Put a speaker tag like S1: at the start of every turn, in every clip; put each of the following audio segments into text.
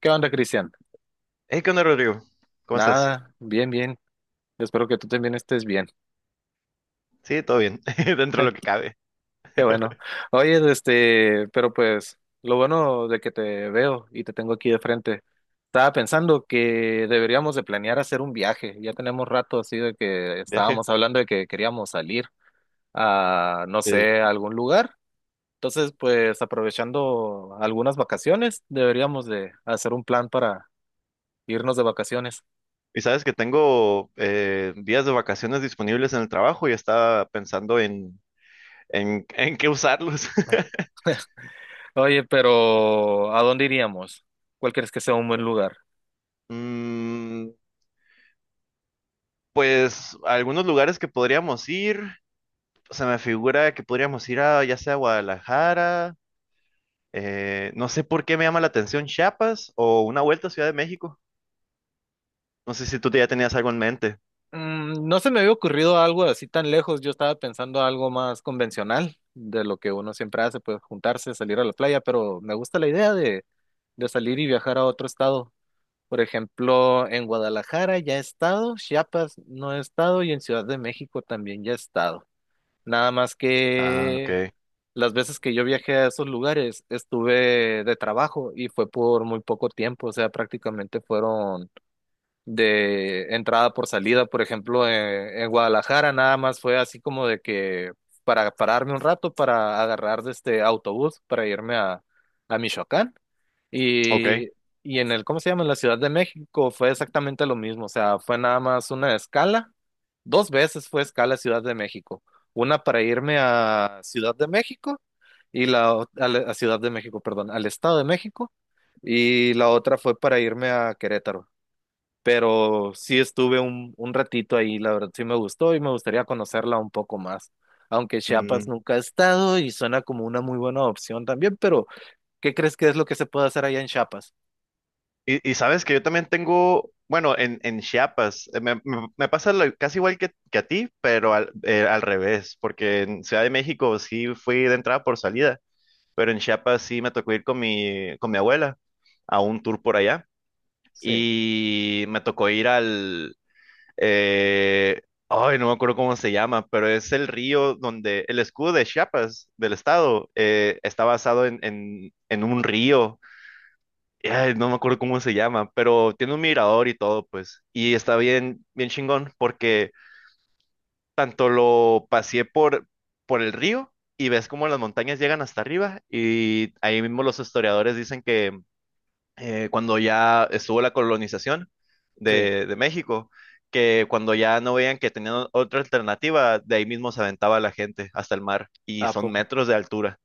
S1: ¿Qué onda, Cristian?
S2: Hey, ¿qué onda, Rodrigo? ¿Cómo estás?
S1: Nada, bien, bien. Espero que tú también estés bien.
S2: Sí, todo bien, dentro de lo que cabe.
S1: Qué bueno. Oye, pero pues lo bueno de que te veo y te tengo aquí de frente. Estaba pensando que deberíamos de planear hacer un viaje. Ya tenemos rato así de que
S2: Viaje.
S1: estábamos hablando de que queríamos salir a, no
S2: Sí.
S1: sé, a algún lugar. Entonces, pues aprovechando algunas vacaciones, deberíamos de hacer un plan para irnos de vacaciones.
S2: Y sabes que tengo días de vacaciones disponibles en el trabajo y estaba pensando en, en qué usarlos.
S1: Oye, pero ¿a dónde iríamos? ¿Cuál crees que sea un buen lugar?
S2: Mm, pues algunos lugares que podríamos ir, se me figura que podríamos ir a ya sea Guadalajara, no sé por qué me llama la atención Chiapas o una vuelta a Ciudad de México. No sé si tú ya tenías algo en mente.
S1: Mm, no se me había ocurrido algo así tan lejos. Yo estaba pensando algo más convencional de lo que uno siempre hace, pues juntarse, salir a la playa, pero me gusta la idea de salir y viajar a otro estado. Por ejemplo, en Guadalajara ya he estado, Chiapas no he estado y en Ciudad de México también ya he estado. Nada más
S2: Ah,
S1: que
S2: ok,
S1: las veces que yo viajé a esos lugares estuve de trabajo y fue por muy poco tiempo, o sea, prácticamente fueron de entrada por salida. Por ejemplo, Guadalajara nada más fue así como de que para pararme un rato para agarrar de este autobús para irme a Michoacán.
S2: ok.
S1: Y, y en el, ¿cómo se llama? En la Ciudad de México fue exactamente lo mismo, o sea, fue nada más una escala, dos veces fue escala Ciudad de México, una para irme a Ciudad de México y la o- a, la- a Ciudad de México, perdón, al Estado de México y la otra fue para irme a Querétaro, pero sí estuve un ratito ahí, la verdad sí me gustó y me gustaría conocerla un poco más. Aunque Chiapas nunca he estado y suena como una muy buena opción también, pero ¿qué crees que es lo que se puede hacer allá en Chiapas?
S2: Y sabes que yo también tengo, bueno, en Chiapas, me pasa lo- casi igual que a ti, pero al, al revés, porque en Ciudad de México sí fui de entrada por salida, pero en Chiapas sí me tocó ir con con mi abuela a un tour por allá
S1: Sí,
S2: y me tocó ir al, eh, ay, no me acuerdo cómo se llama, pero es el río donde el escudo de Chiapas, del estado, está basado en, en un río. Ay, no me acuerdo cómo se llama, pero tiene un mirador y todo, pues. Y está bien, bien chingón, porque tanto lo paseé por el río y ves cómo las montañas llegan hasta arriba. Y ahí mismo los historiadores dicen que cuando ya estuvo la colonización
S1: sí,
S2: de México, que cuando ya no veían que tenían otra alternativa, de ahí mismo se aventaba la gente hasta el mar. Y
S1: a
S2: son
S1: poco,
S2: metros de altura.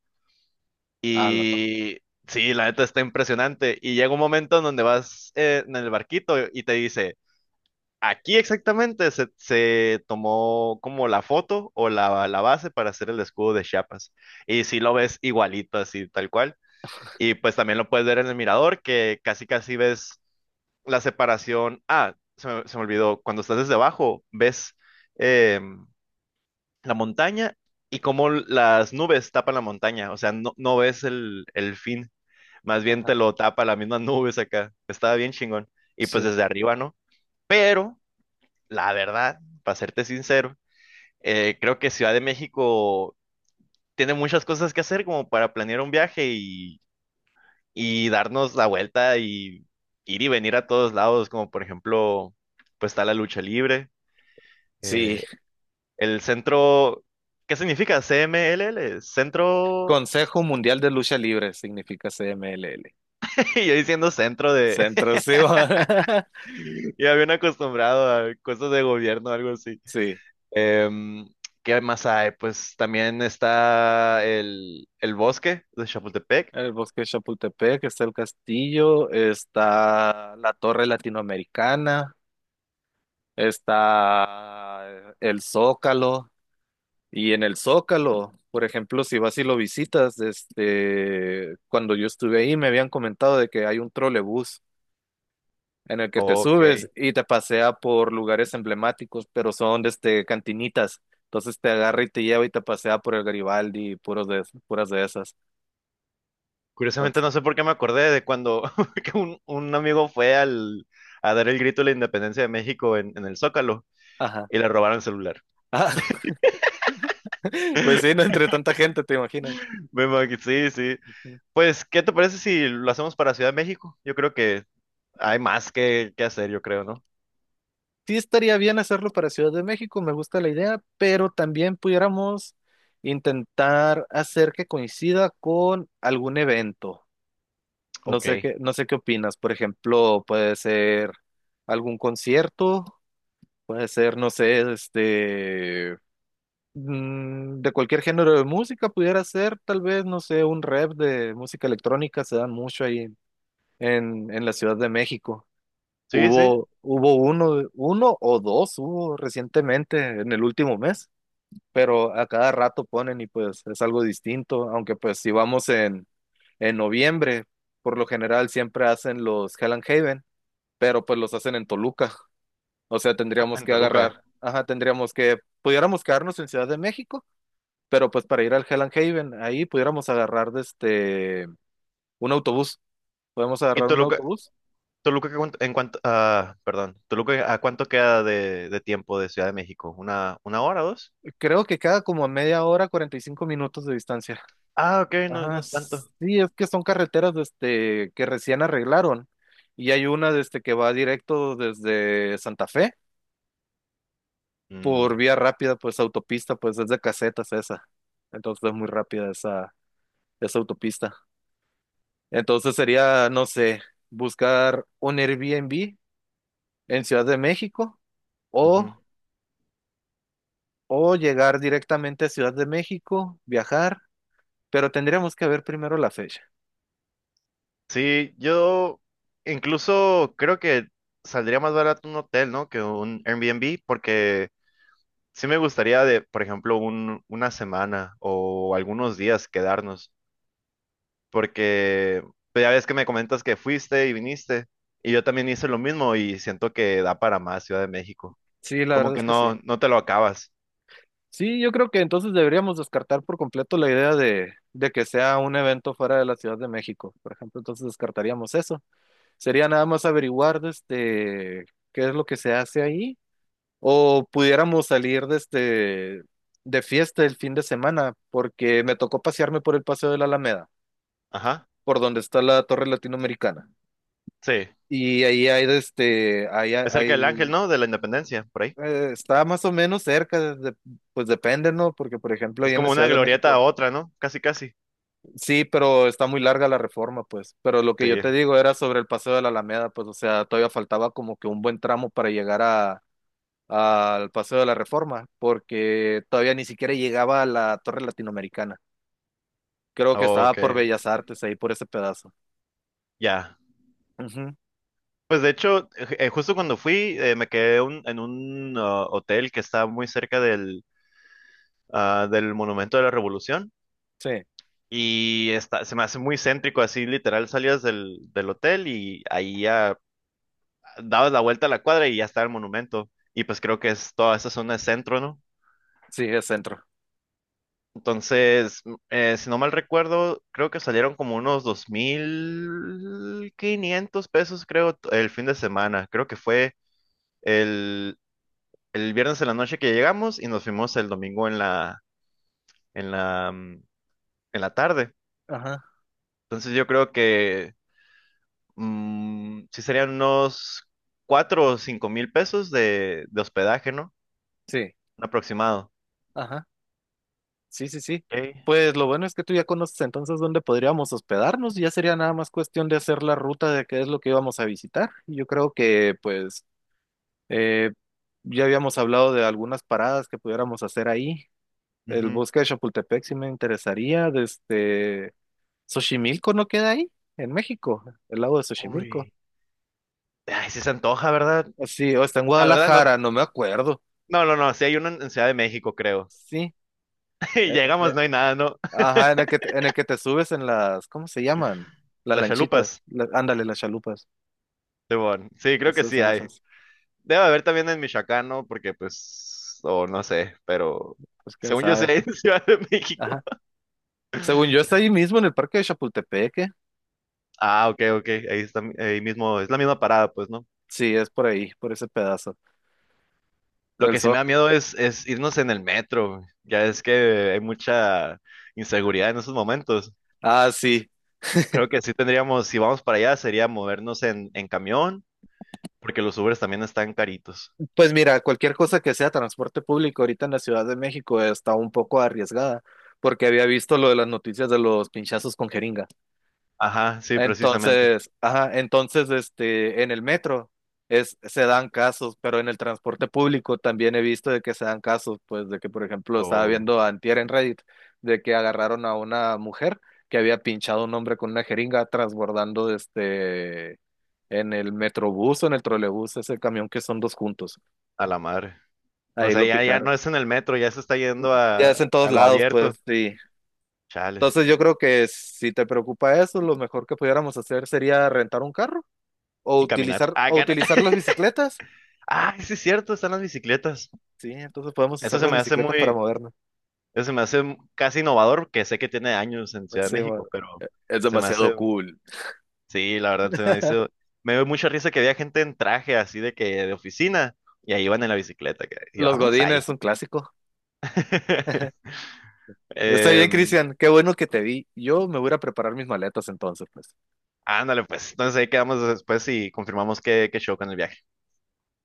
S1: a la par.
S2: Y sí, la neta está impresionante. Y llega un momento en donde vas en el barquito y te dice, aquí exactamente se tomó como la foto o la base para hacer el escudo de Chiapas. Y si lo ves igualito, así tal cual. Y pues también lo puedes ver en el mirador, que casi casi ves la separación. Ah, se me olvidó. Cuando estás desde abajo, ves em, la montaña y cómo las nubes tapan la montaña. O sea, no, no ves el fin. Más bien te
S1: Ajá,
S2: lo tapa las mismas nubes acá. Estaba bien chingón. Y pues
S1: sí.
S2: desde arriba, ¿no? Pero, la verdad, para serte sincero, creo que Ciudad de México tiene muchas cosas que hacer como para planear un viaje y darnos la vuelta y ir y venir a todos lados, como por ejemplo, pues está la lucha libre. eh,
S1: Sí,
S2: el centro, ¿qué significa? CMLL, centro,
S1: Consejo Mundial de Lucha Libre significa CMLL.
S2: y yo diciendo centro de,
S1: Centro, sí.
S2: ya bien acostumbrado a cosas de gobierno, algo así.
S1: Sí,
S2: Em, ¿Qué más hay? Pues también está el bosque de Chapultepec.
S1: el Bosque de Chapultepec, está el castillo, está la Torre Latinoamericana, está el Zócalo. Y en el Zócalo, por ejemplo, si vas y lo visitas, cuando yo estuve ahí me habían comentado de que hay un trolebús en el que te
S2: Ok.
S1: subes y te pasea por lugares emblemáticos, pero son desde cantinitas. Entonces te agarra y te lleva y te pasea por el Garibaldi y puras de esas.
S2: Curiosamente
S1: Entonces,
S2: no sé por qué me acordé de cuando que un amigo fue al, a dar el grito de la independencia de México en el Zócalo
S1: ajá.
S2: y le robaron el celular.
S1: Ah, pues sí, no entre tanta gente, te imaginas.
S2: Me imagino, sí, sí.
S1: Ujú.
S2: Pues, ¿qué te parece si lo hacemos para Ciudad de México? Yo creo que hay más que hacer, yo creo, ¿no?
S1: Sí estaría bien hacerlo para Ciudad de México, me gusta la idea, pero también pudiéramos intentar hacer que coincida con algún evento.
S2: Ok.
S1: No sé qué opinas. Por ejemplo, puede ser algún concierto. Puede ser, no sé, mm, de cualquier género de música pudiera ser, tal vez, no sé, un rap de música electrónica, se dan mucho ahí en la Ciudad de México.
S2: Sí, sí.
S1: Hubo uno o dos, hubo recientemente en el último mes, pero a cada rato ponen y pues es algo distinto, aunque pues si vamos en noviembre, por lo general siempre hacen los Hell and Haven, pero pues los hacen en Toluca. O sea,
S2: Ah,
S1: tendríamos
S2: en
S1: que agarrar,
S2: Toluca.
S1: ajá, tendríamos que, pudiéramos quedarnos en Ciudad de México, pero pues para ir al Hell and Haven, ahí pudiéramos agarrar un autobús. Podemos
S2: ¿Y
S1: agarrar un
S2: Toluca,
S1: autobús.
S2: Toluca, ¿a cuánto- en cuanto, ah, perdón, Toluca, ¿a cuánto queda de tiempo de Ciudad de México? Una hora, o dos?
S1: Creo que queda como a media hora, 45 minutos de distancia.
S2: Ah, ok, no, no
S1: Ajá,
S2: es tanto.
S1: sí, es que son carreteras que recién arreglaron. Y hay una que va directo desde Santa Fe por
S2: Mm,
S1: vía rápida, pues autopista, pues es de casetas esa. Entonces es muy rápida esa autopista. Entonces sería, no sé, buscar un Airbnb en Ciudad de México o,
S2: ujú.
S1: o llegar directamente a Ciudad de México, viajar, pero tendríamos que ver primero la fecha.
S2: Sí, yo incluso creo que saldría más barato un hotel, ¿no? Que un Airbnb, porque sí me gustaría de, por ejemplo, una semana o algunos días quedarnos, porque pues, ya ves que me comentas que fuiste y viniste, y yo también hice lo mismo y siento que da para más Ciudad de México.
S1: Sí, la
S2: Como
S1: verdad es
S2: que
S1: que sí.
S2: no, no te lo acabas.
S1: Sí, yo creo que entonces deberíamos descartar por completo la idea de que sea un evento fuera de la Ciudad de México, por ejemplo, entonces descartaríamos eso. Sería nada más averiguar qué es lo que se hace ahí. O pudiéramos salir desde de fiesta el fin de semana, porque me tocó pasearme por el Paseo de la Alameda,
S2: Ajá,
S1: por donde está la Torre Latinoamericana.
S2: sí.
S1: Y ahí hay
S2: Es cerca del Ángel,
S1: hay,
S2: ¿no? De la Independencia, por ahí.
S1: está más o menos cerca, pues depende, ¿no? Porque, por ejemplo, ahí
S2: Es
S1: en la
S2: como una
S1: Ciudad de
S2: glorieta a
S1: México,
S2: otra, ¿no? Casi, casi.
S1: sí, pero está muy larga la reforma, pues. Pero lo que
S2: Sí.
S1: yo te digo era sobre el Paseo de la Alameda, pues, o sea, todavía faltaba como que un buen tramo para llegar al Paseo de la Reforma, porque todavía ni siquiera llegaba a la Torre Latinoamericana. Creo que estaba
S2: Ok,
S1: por Bellas Artes, ahí por ese pedazo.
S2: ya.
S1: Ujú,
S2: Pues de hecho, justo cuando fui, me quedé un- en un hotel que está muy cerca del, del Monumento de la Revolución.
S1: sí,
S2: Y está, se me hace muy céntrico, así literal salías del hotel y ahí ya dabas la vuelta a la cuadra y ya está el monumento. Y pues creo que es toda esa zona es centro, ¿no?
S1: sí, es centro.
S2: Entonces, si no mal recuerdo, creo que salieron como unos 2,500 pesos, creo, t- el fin de semana. Creo que fue el, el viernes en la noche que llegamos y nos fuimos el domingo en la, mm, en la tarde.
S1: Ajá,
S2: Entonces, yo creo que sí serían unos 4 o 5,000 pesos de hospedaje, ¿no?
S1: sí,
S2: Un aproximado.
S1: ajá, sí, sí, sí.
S2: Ok.
S1: Pues lo bueno es que tú ya conoces entonces dónde podríamos hospedarnos, ya sería nada más cuestión de hacer la ruta de qué es lo que íbamos a visitar. Y yo creo que pues eh, ya habíamos hablado de algunas paradas que pudiéramos hacer ahí. El
S2: Ujú.
S1: bosque de Chapultepec sí me interesaría, desde Xochimilco no queda ahí, en México, el lago de Xochimilco.
S2: Uy. Ay, sí se antoja, ¿verdad?
S1: Sí, o está en
S2: La verdad, no.
S1: Guadalajara, no me acuerdo.
S2: No, no, no, sí hay uno en Ciudad de México, creo.
S1: Sí,
S2: Y
S1: eh, eh,
S2: llegamos, no hay nada, ¿no?
S1: ajá, en en el que te subes en las, ¿cómo se llaman? Las
S2: Las
S1: lanchitas,
S2: chalupas,
S1: ándale, las chalupas.
S2: Simón. Sí,
S1: Te
S2: creo que
S1: subes
S2: sí
S1: en
S2: hay.
S1: esas,
S2: Debe haber también en Michoacán, ¿no? Porque, pues, o no sé, pero
S1: pues quién
S2: según yo sí
S1: sabe.
S2: hay en Ciudad de México.
S1: Ajá. Según yo, está ahí mismo en el parque de Chapultepec. ¿Eh?
S2: Ah, ok, ok. Ahí está, ahí mismo, es la misma parada, pues, ¿no?
S1: Sí, es por ahí, por ese pedazo.
S2: Lo
S1: El
S2: que sí
S1: sol.
S2: me da miedo es irnos en el metro. Ya es que hay mucha inseguridad en esos momentos.
S1: Ah, sí.
S2: Creo que sí tendríamos, si vamos para allá, sería movernos en camión, porque los Ubers también están caritos.
S1: Pues mira, cualquier cosa que sea transporte público ahorita en la Ciudad de México está un poco arriesgada, porque había visto lo de las noticias de los pinchazos con jeringas.
S2: Ajá, sí, precisamente.
S1: Entonces, ajá, entonces, en el metro es, se dan casos, pero en el transporte público también he visto de que se dan casos, pues de que, por ejemplo, estaba
S2: O
S1: viendo antier en Reddit de que agarraron a una mujer que había pinchado a un hombre con una jeringa transbordando en el metrobús o en el trolebús, ese camión que son dos juntos.
S2: a la madre. O
S1: Ahí
S2: sea,
S1: lo
S2: ya, ya
S1: picaron.
S2: no es en el metro, ya se está yendo
S1: Ya es en todos
S2: a lo
S1: lados,
S2: abierto.
S1: pues sí.
S2: Chale.
S1: Entonces yo creo que si te preocupa eso, lo mejor que pudiéramos hacer sería rentar un carro.
S2: Y caminar. Ah,
S1: O
S2: cara.
S1: utilizar las bicicletas.
S2: Ah, sí es cierto, están las bicicletas.
S1: Sí, entonces podemos
S2: Eso
S1: usar
S2: se
S1: las
S2: me hace
S1: bicicletas para
S2: muy,
S1: movernos.
S2: eso se me hace m- casi innovador, que sé que tiene años en Ciudad de
S1: Sí,
S2: México,
S1: bueno,
S2: pero
S1: es
S2: se me
S1: demasiado
S2: hace,
S1: cool.
S2: sí, la verdad, se me hizo, me dio mucha risa que había gente en traje así de que de oficina y ahí iban en la bicicleta. Que- Y
S1: Los
S2: vamos
S1: godines es
S2: ahí.
S1: un clásico. Está bien,
S2: Em,
S1: Cristian. Qué bueno que te vi. Yo me voy a ir a preparar mis maletas entonces, pues.
S2: ándale, pues, entonces ahí quedamos después y confirmamos qué, qué show con el viaje.